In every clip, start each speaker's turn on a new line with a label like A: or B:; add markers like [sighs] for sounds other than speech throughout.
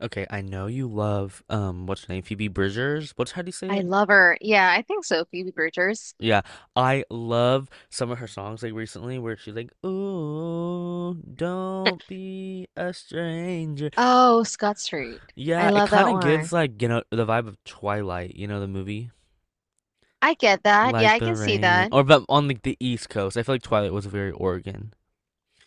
A: Okay, I know you love what's her name? Phoebe Bridgers. What's how do you say
B: I
A: it?
B: love her. Yeah, I think so. Phoebe Bridgers.
A: Yeah. I love some of her songs like recently where she's like, Ooh, don't be a stranger.
B: Oh, Scott Street.
A: Yeah,
B: I
A: it
B: love that
A: kinda gives
B: one.
A: like, the vibe of Twilight, you know, the movie?
B: I get that. Yeah,
A: Like
B: I
A: the
B: can see
A: rain.
B: that.
A: Or but on like the East Coast. I feel like Twilight was very Oregon.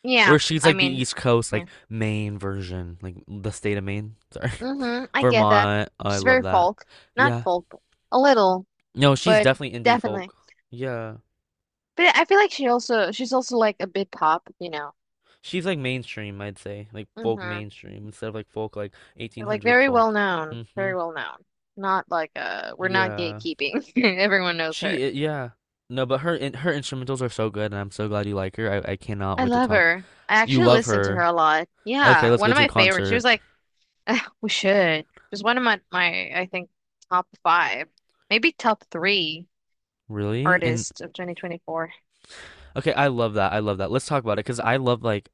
B: Yeah,
A: Where she's
B: I
A: like the
B: mean,
A: East Coast,
B: yeah.
A: like Maine version, like the state of Maine. Sorry.
B: Mm-hmm.
A: [laughs]
B: I get that.
A: Vermont. I
B: She's
A: love
B: very
A: that.
B: folk. Not
A: Yeah.
B: folk, but a little,
A: No, she's
B: but
A: definitely indie
B: definitely.
A: folk. Yeah.
B: But I feel like she's also like a bit pop,
A: She's like mainstream, I'd say. Like folk
B: Mm-hmm.
A: mainstream instead of like folk like
B: Like
A: 1800
B: very well
A: folk.
B: known.
A: Mm-hmm.
B: Very well known. Not like we're not
A: Yeah.
B: gatekeeping. [laughs] Everyone knows her.
A: Yeah. No, but her instrumentals are so good, and I'm so glad you like her. I cannot
B: I
A: wait to
B: love
A: talk.
B: her. I
A: You
B: actually
A: love
B: listen to her
A: her.
B: a lot.
A: Okay,
B: Yeah,
A: let's
B: one
A: go
B: of
A: to a
B: my favorites. She was
A: concert.
B: like we should. Just one of my I think top five, maybe top three
A: Really? And
B: artists of 2024.
A: okay, I love that. I love that. Let's talk about it because I love like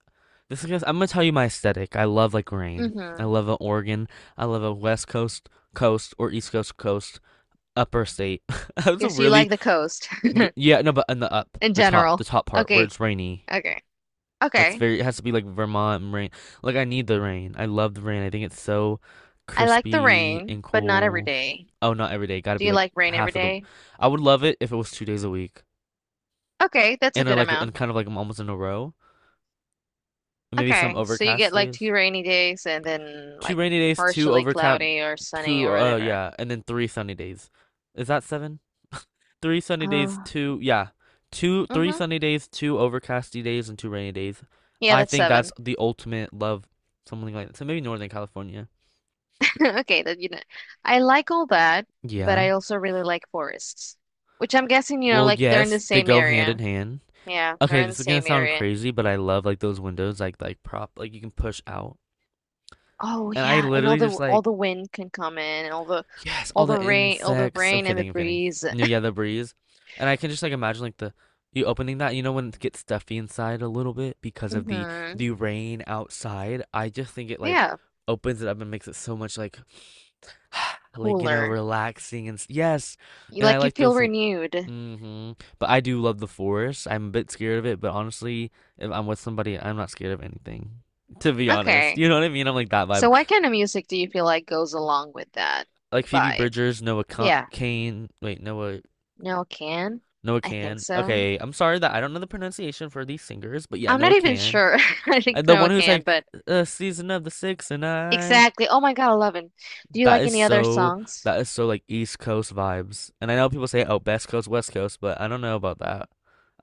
A: I'm gonna tell you my aesthetic. I love like rain. I
B: Mm-hmm.
A: love a Oregon. I love a West Coast or East Coast. Upper state. [laughs] That's a
B: Guess you
A: really.
B: like the coast
A: Yeah no, but in the up,
B: [laughs] in
A: the
B: general.
A: top part where
B: Okay,
A: it's rainy.
B: okay,
A: That's
B: okay.
A: very. It has to be like Vermont rain. Like I need the rain. I love the rain. I think it's so
B: I like the
A: crispy
B: rain,
A: and
B: but not every
A: cool.
B: day.
A: Oh, not every day. Got to
B: Do
A: be
B: you
A: like
B: like rain every
A: half of the.
B: day?
A: I would love it if it was 2 days a week,
B: Okay, that's a
A: and are
B: good
A: like and
B: amount.
A: kind of like I'm almost in a row. And maybe some
B: Okay, so you get
A: overcast
B: like
A: days.
B: two rainy days and then
A: Two
B: like
A: rainy days, two
B: partially
A: overcast,
B: cloudy or sunny or whatever.
A: and then three sunny days. Is that seven? Three sunny days,
B: Uh,
A: two yeah, two three
B: mm-hmm.
A: sunny days, two overcasty days, and two rainy days.
B: Yeah,
A: I
B: that's
A: think that's
B: seven.
A: the ultimate love, something like that. So maybe Northern California.
B: [laughs] Okay, I like all that, but
A: Yeah.
B: I also really like forests, which I'm guessing,
A: Well,
B: like they're in
A: yes,
B: the
A: they
B: same
A: go hand in
B: area.
A: hand.
B: Yeah,
A: Okay,
B: they're in the
A: this is gonna
B: same
A: sound
B: area.
A: crazy, but I love like those windows, like prop, like you can push out,
B: Oh
A: and I
B: yeah, and all
A: literally
B: the
A: just
B: all
A: like.
B: the wind can come in, and all the
A: Yes,
B: all
A: all
B: the
A: the
B: rain, all the
A: insects. I'm
B: rain and the
A: kidding, I'm kidding.
B: breeze.
A: No,
B: [laughs]
A: yeah, the breeze. And I can just like imagine like the you opening that, you know, when it gets stuffy inside a little bit because of the
B: Mm-hmm.
A: the rain outside. I just think it like
B: Yeah,
A: opens it up and makes it so much like [sighs] like you know,
B: cooler.
A: relaxing and yes.
B: You,
A: And I
B: like you
A: like
B: feel
A: those like.
B: renewed.
A: Hmm. But I do love the forest. I'm a bit scared of it, but honestly, if I'm with somebody, I'm not scared of anything. To be honest,
B: Okay.
A: you know what I mean? I'm like that
B: So
A: vibe.
B: what kind of music do you feel like goes along with that
A: Like Phoebe
B: vibe?
A: Bridgers,
B: Yeah,
A: Kane, wait, Noah
B: no can.
A: Noah
B: I think
A: Can.
B: so.
A: Okay, I'm sorry that I don't know the pronunciation for these singers, but yeah,
B: I'm not
A: Noah
B: even
A: Can.
B: sure. [laughs] I think
A: The
B: no
A: one who's
B: can,
A: like,
B: but.
A: a season of the six and I.
B: Exactly. Oh my God, 11. Do you
A: That
B: like
A: is
B: any other
A: so,
B: songs?
A: that is so like East Coast vibes. And I know people say, oh, best coast, west coast, but I don't know about that.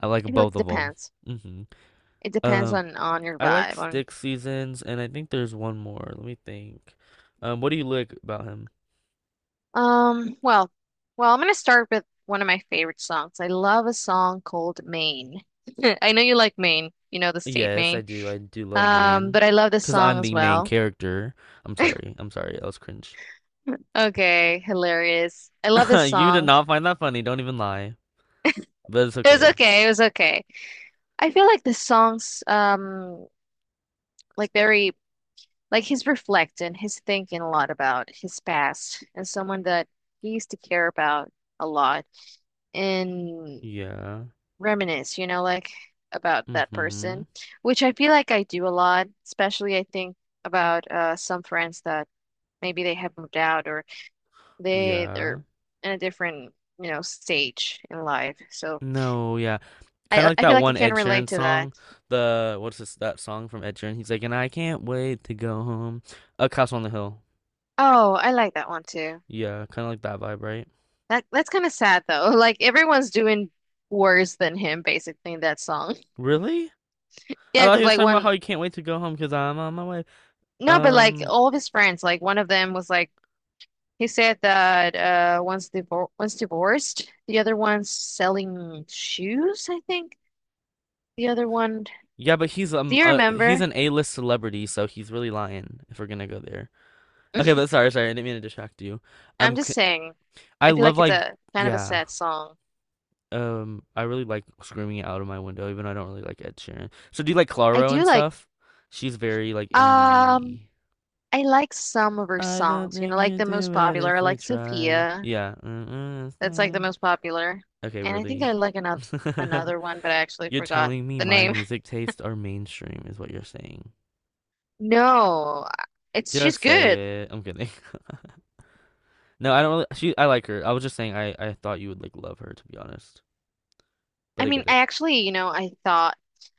A: I like
B: I feel like
A: both
B: it
A: of them.
B: depends.
A: Hmm.
B: It depends
A: Um,
B: on your
A: I like
B: vibe. On
A: Stick Seasons, and I think there's one more. Let me think. What do you like about him?
B: well, well, I'm gonna start with one of my favorite songs. I love a song called Maine. [laughs] I know you like Maine. You know the state
A: Yes, I
B: Maine.
A: do. I do love Maine.
B: But I love this
A: Because
B: song
A: I'm
B: as
A: the main
B: well.
A: character. I'm sorry. I'm sorry. That was cringe.
B: Okay, hilarious. I love
A: [laughs]
B: this
A: You did
B: song.
A: not find that funny, don't even lie. But it's
B: It was
A: okay.
B: okay. It was okay. I feel like the songs like very like he's reflecting, he's thinking a lot about his past and someone that he used to care about a lot and
A: Yeah.
B: reminisce, about that
A: Mm-hmm.
B: person, which I feel like I do a lot, especially I think about some friends that maybe they have moved out or they're
A: Yeah.
B: in a different, stage in life. So
A: No, yeah. Kind of like
B: I feel
A: that
B: like I
A: one
B: can
A: Ed Sheeran
B: relate to that.
A: song. The What's this that song from Ed Sheeran? He's like, and I can't wait to go home. A Castle on the Hill.
B: Oh, I like that one too.
A: Yeah, kind of like that vibe, right?
B: That's kind of sad though. [laughs] Like everyone's doing worse than him basically in that song. [laughs]
A: Really? I
B: Yeah,
A: thought
B: because
A: he was
B: like
A: talking about
B: when
A: how he can't wait to go home because I'm on my way.
B: no, but like
A: Um,
B: all of his friends, like one of them was like he said that once divorced, the other one's selling shoes, I think. The other one,
A: yeah, but
B: do you
A: he's
B: remember?
A: an A-list celebrity, so he's really lying if we're gonna go there. Okay, but
B: [laughs]
A: sorry, sorry, I didn't mean to distract you.
B: I'm
A: Um,
B: just
A: c-
B: saying,
A: I
B: I feel
A: love
B: like it's
A: like.
B: a kind of a
A: Yeah.
B: sad song.
A: I really like screaming it out of my window, even though I don't really like Ed Sheeran. So do you like
B: I
A: Claro and
B: do like
A: stuff? She's very like
B: um
A: indie.
B: I like some of her
A: I don't
B: songs,
A: think
B: like
A: you
B: the most
A: do it
B: popular,
A: if
B: I
A: we
B: like
A: try.
B: Sophia.
A: Yeah. Mm-mm, it's
B: That's like the
A: fine.
B: most popular.
A: Okay,
B: And I think
A: really.
B: I like
A: [laughs]
B: another one, but I actually
A: You're
B: forgot
A: telling me
B: the
A: my
B: name. [laughs]
A: music tastes are mainstream, is what you're saying.
B: No, it's she's
A: Just
B: good.
A: say it. I'm kidding. [laughs] No, I don't really. I like her. I was just saying I thought you would like love her, to be honest. But
B: I
A: I
B: mean,
A: get
B: I
A: it.
B: actually,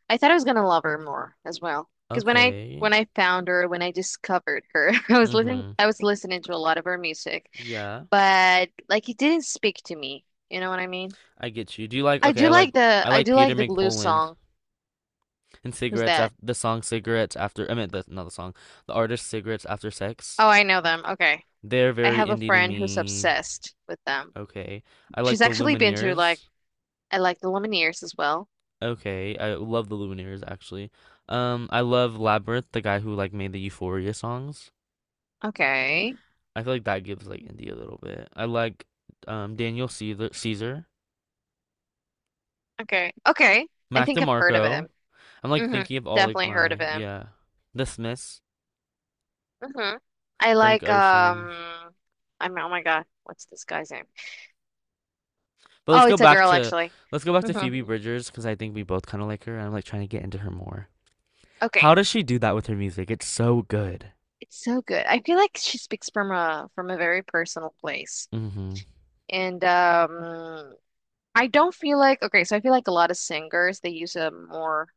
B: I thought I was gonna love her more as well. Because
A: Okay.
B: when I found her, when I discovered her, [laughs]
A: Mm-hmm.
B: I was listening to a lot of her music,
A: Yeah.
B: but like it didn't speak to me. You know what I mean?
A: I get you. Do you like Okay, I like I
B: I
A: like
B: do
A: Peter
B: like the Glue
A: McPoland
B: song.
A: and
B: Who's
A: cigarettes
B: that?
A: after the song cigarettes after. I meant the not the song. The artist cigarettes after sex.
B: Oh, I know them. Okay.
A: They're
B: I
A: very
B: have a
A: indie to
B: friend who's
A: me.
B: obsessed with them.
A: Okay. I
B: She's
A: like the
B: actually been to like
A: Lumineers.
B: I like the Lumineers as well.
A: Okay. I love the Lumineers actually. I love Labyrinth, the guy who like made the Euphoria songs.
B: Okay.
A: I feel like that gives like indie a little bit. I like Daniel Caesar, Caesar,
B: Okay. Okay. I
A: Mac
B: think I've heard of
A: DeMarco.
B: him.
A: I'm like
B: Hmm.
A: thinking of all like
B: Definitely heard of
A: my
B: him.
A: yeah, The Smiths,
B: Hmm. I
A: Frank
B: like
A: Ocean.
B: I'm oh my God, what's this guy's name?
A: But let's
B: Oh,
A: go
B: it's a
A: back
B: girl
A: to
B: actually.
A: let's go back to
B: Hmm.
A: Phoebe Bridgers because I think we both kind of like her, and I'm like trying to get into her more. How
B: Okay.
A: does she do that with her music? It's so good.
B: It's so good. I feel like she speaks from a very personal place.
A: Mm-hmm.
B: And I don't feel like okay, so I feel like a lot of singers they use a more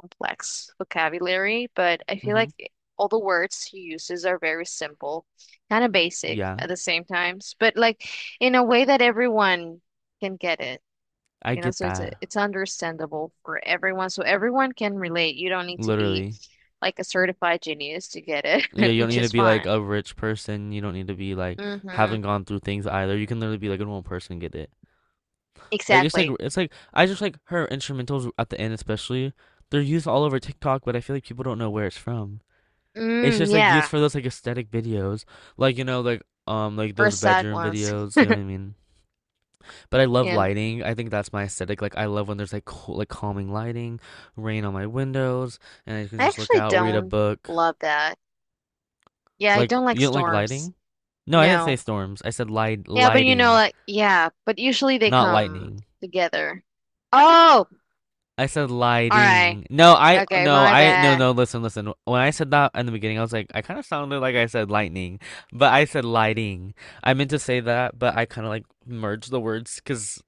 B: complex vocabulary, but I feel
A: Mm-hmm.
B: like all the words he uses are very simple, kind of basic
A: Yeah,
B: at the same times, but like in a way that everyone can get it.
A: I
B: You know,
A: get
B: so
A: that.
B: it's understandable for everyone, so everyone can relate. You don't need to be
A: Literally.
B: like a certified genius to get it,
A: Yeah,
B: [laughs]
A: you don't
B: which
A: need to
B: is
A: be like
B: fine.
A: a rich person. You don't need to be like
B: Mm-hmm.
A: haven't gone through things either. You can literally be like a normal person and get it. Like it's like
B: Exactly.
A: it's like I just like her instrumentals at the end especially. They're used all over TikTok, but I feel like people don't know where it's from. It's
B: Mm,
A: just like used
B: yeah.
A: for those like aesthetic videos, like like
B: Or
A: those
B: sad
A: bedroom
B: ones.
A: videos.
B: [laughs]
A: You know what I mean? But I love
B: Yeah.
A: lighting. I think that's my aesthetic. Like I love when there's like cool, like calming lighting, rain on my windows, and I can
B: I
A: just look
B: actually
A: out, read a
B: don't
A: book.
B: love that. Yeah, I
A: Like
B: don't like
A: you don't like
B: storms.
A: lighting? No, I didn't say
B: No.
A: storms. I said light
B: Yeah, but you know,
A: lighting,
B: like, yeah, but usually they
A: not
B: come
A: lightning.
B: together. Oh,
A: I said
B: all right.
A: lighting. No, I
B: Okay,
A: no,
B: my
A: I no
B: bad.
A: no. Listen, listen. When I said that in the beginning, I was like, I kind of sounded like I said lightning, but I said lighting. I meant to say that, but I kind of like merged the words because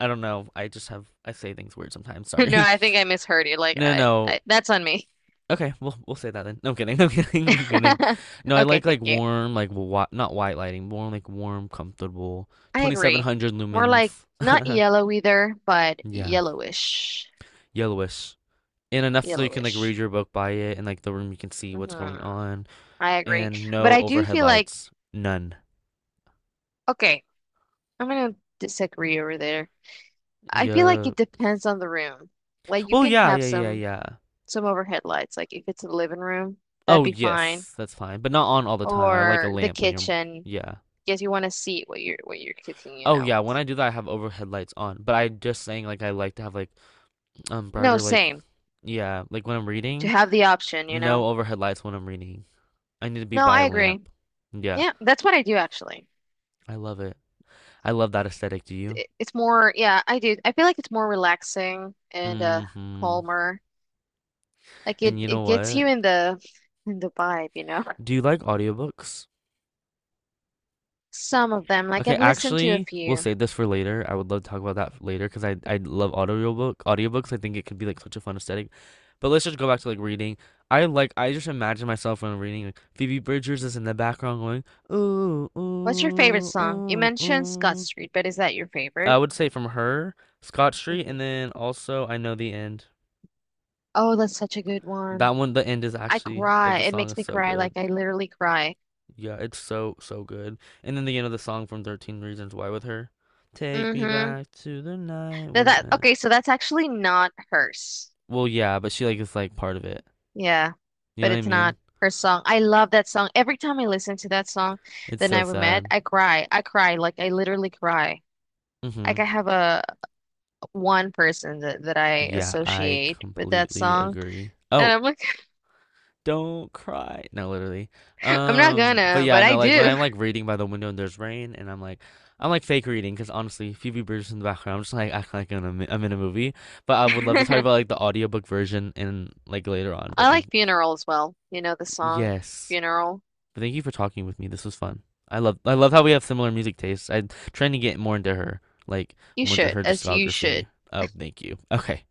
A: I don't know. I just have I say things weird sometimes.
B: [laughs] No,
A: Sorry.
B: I
A: [laughs]
B: think I misheard you. Like,
A: No, no.
B: that's on me.
A: Okay, we'll say that then. No, I'm kidding. [laughs] I'm kidding. I'm kidding.
B: [laughs]
A: No, I
B: Okay,
A: like
B: thank you.
A: warm, like wa not white lighting, more like warm, comfortable,
B: I agree.
A: 2700
B: More like
A: lumens.
B: not
A: [laughs]
B: yellow either, but
A: Yeah,
B: yellowish.
A: yellowish. And enough so you can like read
B: Yellowish.
A: your book by it, and like the room you can see what's going
B: Hmm.
A: on,
B: I agree.
A: and
B: But
A: no
B: I do
A: overhead
B: feel like,
A: lights, none.
B: okay, I'm gonna disagree over there. I feel like
A: Yeah.
B: it depends on the room. Like, you
A: Well,
B: can
A: yeah,
B: have
A: yeah, yeah,
B: some.
A: yeah.
B: Some overhead lights. Like if it's the living room, that'd
A: Oh
B: be fine.
A: yes, that's fine, but not on all the time. I like a
B: Or the
A: lamp when you're.
B: kitchen,
A: Yeah.
B: because you want to see what you're cooking, you
A: Oh
B: know.
A: yeah, when I do that I have overhead lights on, but I just saying like I like to have like
B: No,
A: brighter, like.
B: same.
A: Yeah, like when I'm
B: To
A: reading.
B: have the option, you
A: No
B: know.
A: overhead lights when I'm reading. I need to be
B: No,
A: by
B: I
A: a lamp.
B: agree.
A: Yeah.
B: Yeah, that's what I do actually.
A: I love it. I love that aesthetic. Do you.
B: It- It's more, yeah, I do. I feel like it's more relaxing and
A: Mm-hmm.
B: calmer. Like
A: And you
B: it
A: know
B: gets
A: what,
B: you in the vibe, you know.
A: do you like audiobooks?
B: Some of them, like
A: Okay,
B: I've listened to a
A: actually, we'll
B: few.
A: save this for later. I would love to talk about that later because I love audiobooks. I think it could be like such a fun aesthetic. But let's just go back to like reading. I just imagine myself when I'm reading like Phoebe Bridgers is in the background going ooh
B: What's your favorite
A: ooh
B: song? You
A: ooh
B: mentioned Scott
A: ooh.
B: Street, but is that your
A: I
B: favorite?
A: would say from her Scott Street,
B: Mhm.
A: and then also I know the end.
B: Oh, that's such a good
A: That
B: one.
A: one, the end is
B: I
A: actually of
B: cry.
A: the
B: It
A: song
B: makes
A: is
B: me
A: so
B: cry. Like
A: good.
B: I literally cry.
A: Yeah, it's so so good. And then the end of the song from 13 Reasons Why with her, take me
B: Mm-hmm.
A: back to the night
B: That,
A: we
B: that
A: met.
B: okay, so that's actually not hers.
A: Well, yeah, but she like is like part of it.
B: Yeah,
A: You
B: but
A: know what I
B: it's
A: mean?
B: not her song. I love that song. Every time I listen to that song,
A: It's
B: The
A: so
B: Night We Met,
A: sad.
B: I cry. I cry. Like I literally cry.
A: Mm-hmm.
B: Like I have a one person that I
A: Yeah, I
B: associate with that
A: completely
B: song.
A: agree.
B: And
A: Oh,
B: I'm like,
A: don't cry. No, literally.
B: [laughs] I'm not
A: But
B: gonna,
A: yeah,
B: but I
A: no, like when
B: do.
A: I'm like reading by the window and there's rain, and I'm like fake reading because honestly, Phoebe Bridgers in the background, I'm just like acting like I'm in a movie. But I
B: [laughs]
A: would love to talk
B: I
A: about like the audiobook version and like later on. But think.
B: like Funeral as well. You know the song
A: Yes.
B: Funeral.
A: But thank you for talking with me. This was fun. I love how we have similar music tastes. I'm trying to get more into her, like
B: You
A: more into
B: should,
A: her
B: as you
A: discography.
B: should.
A: Oh, thank you. Okay.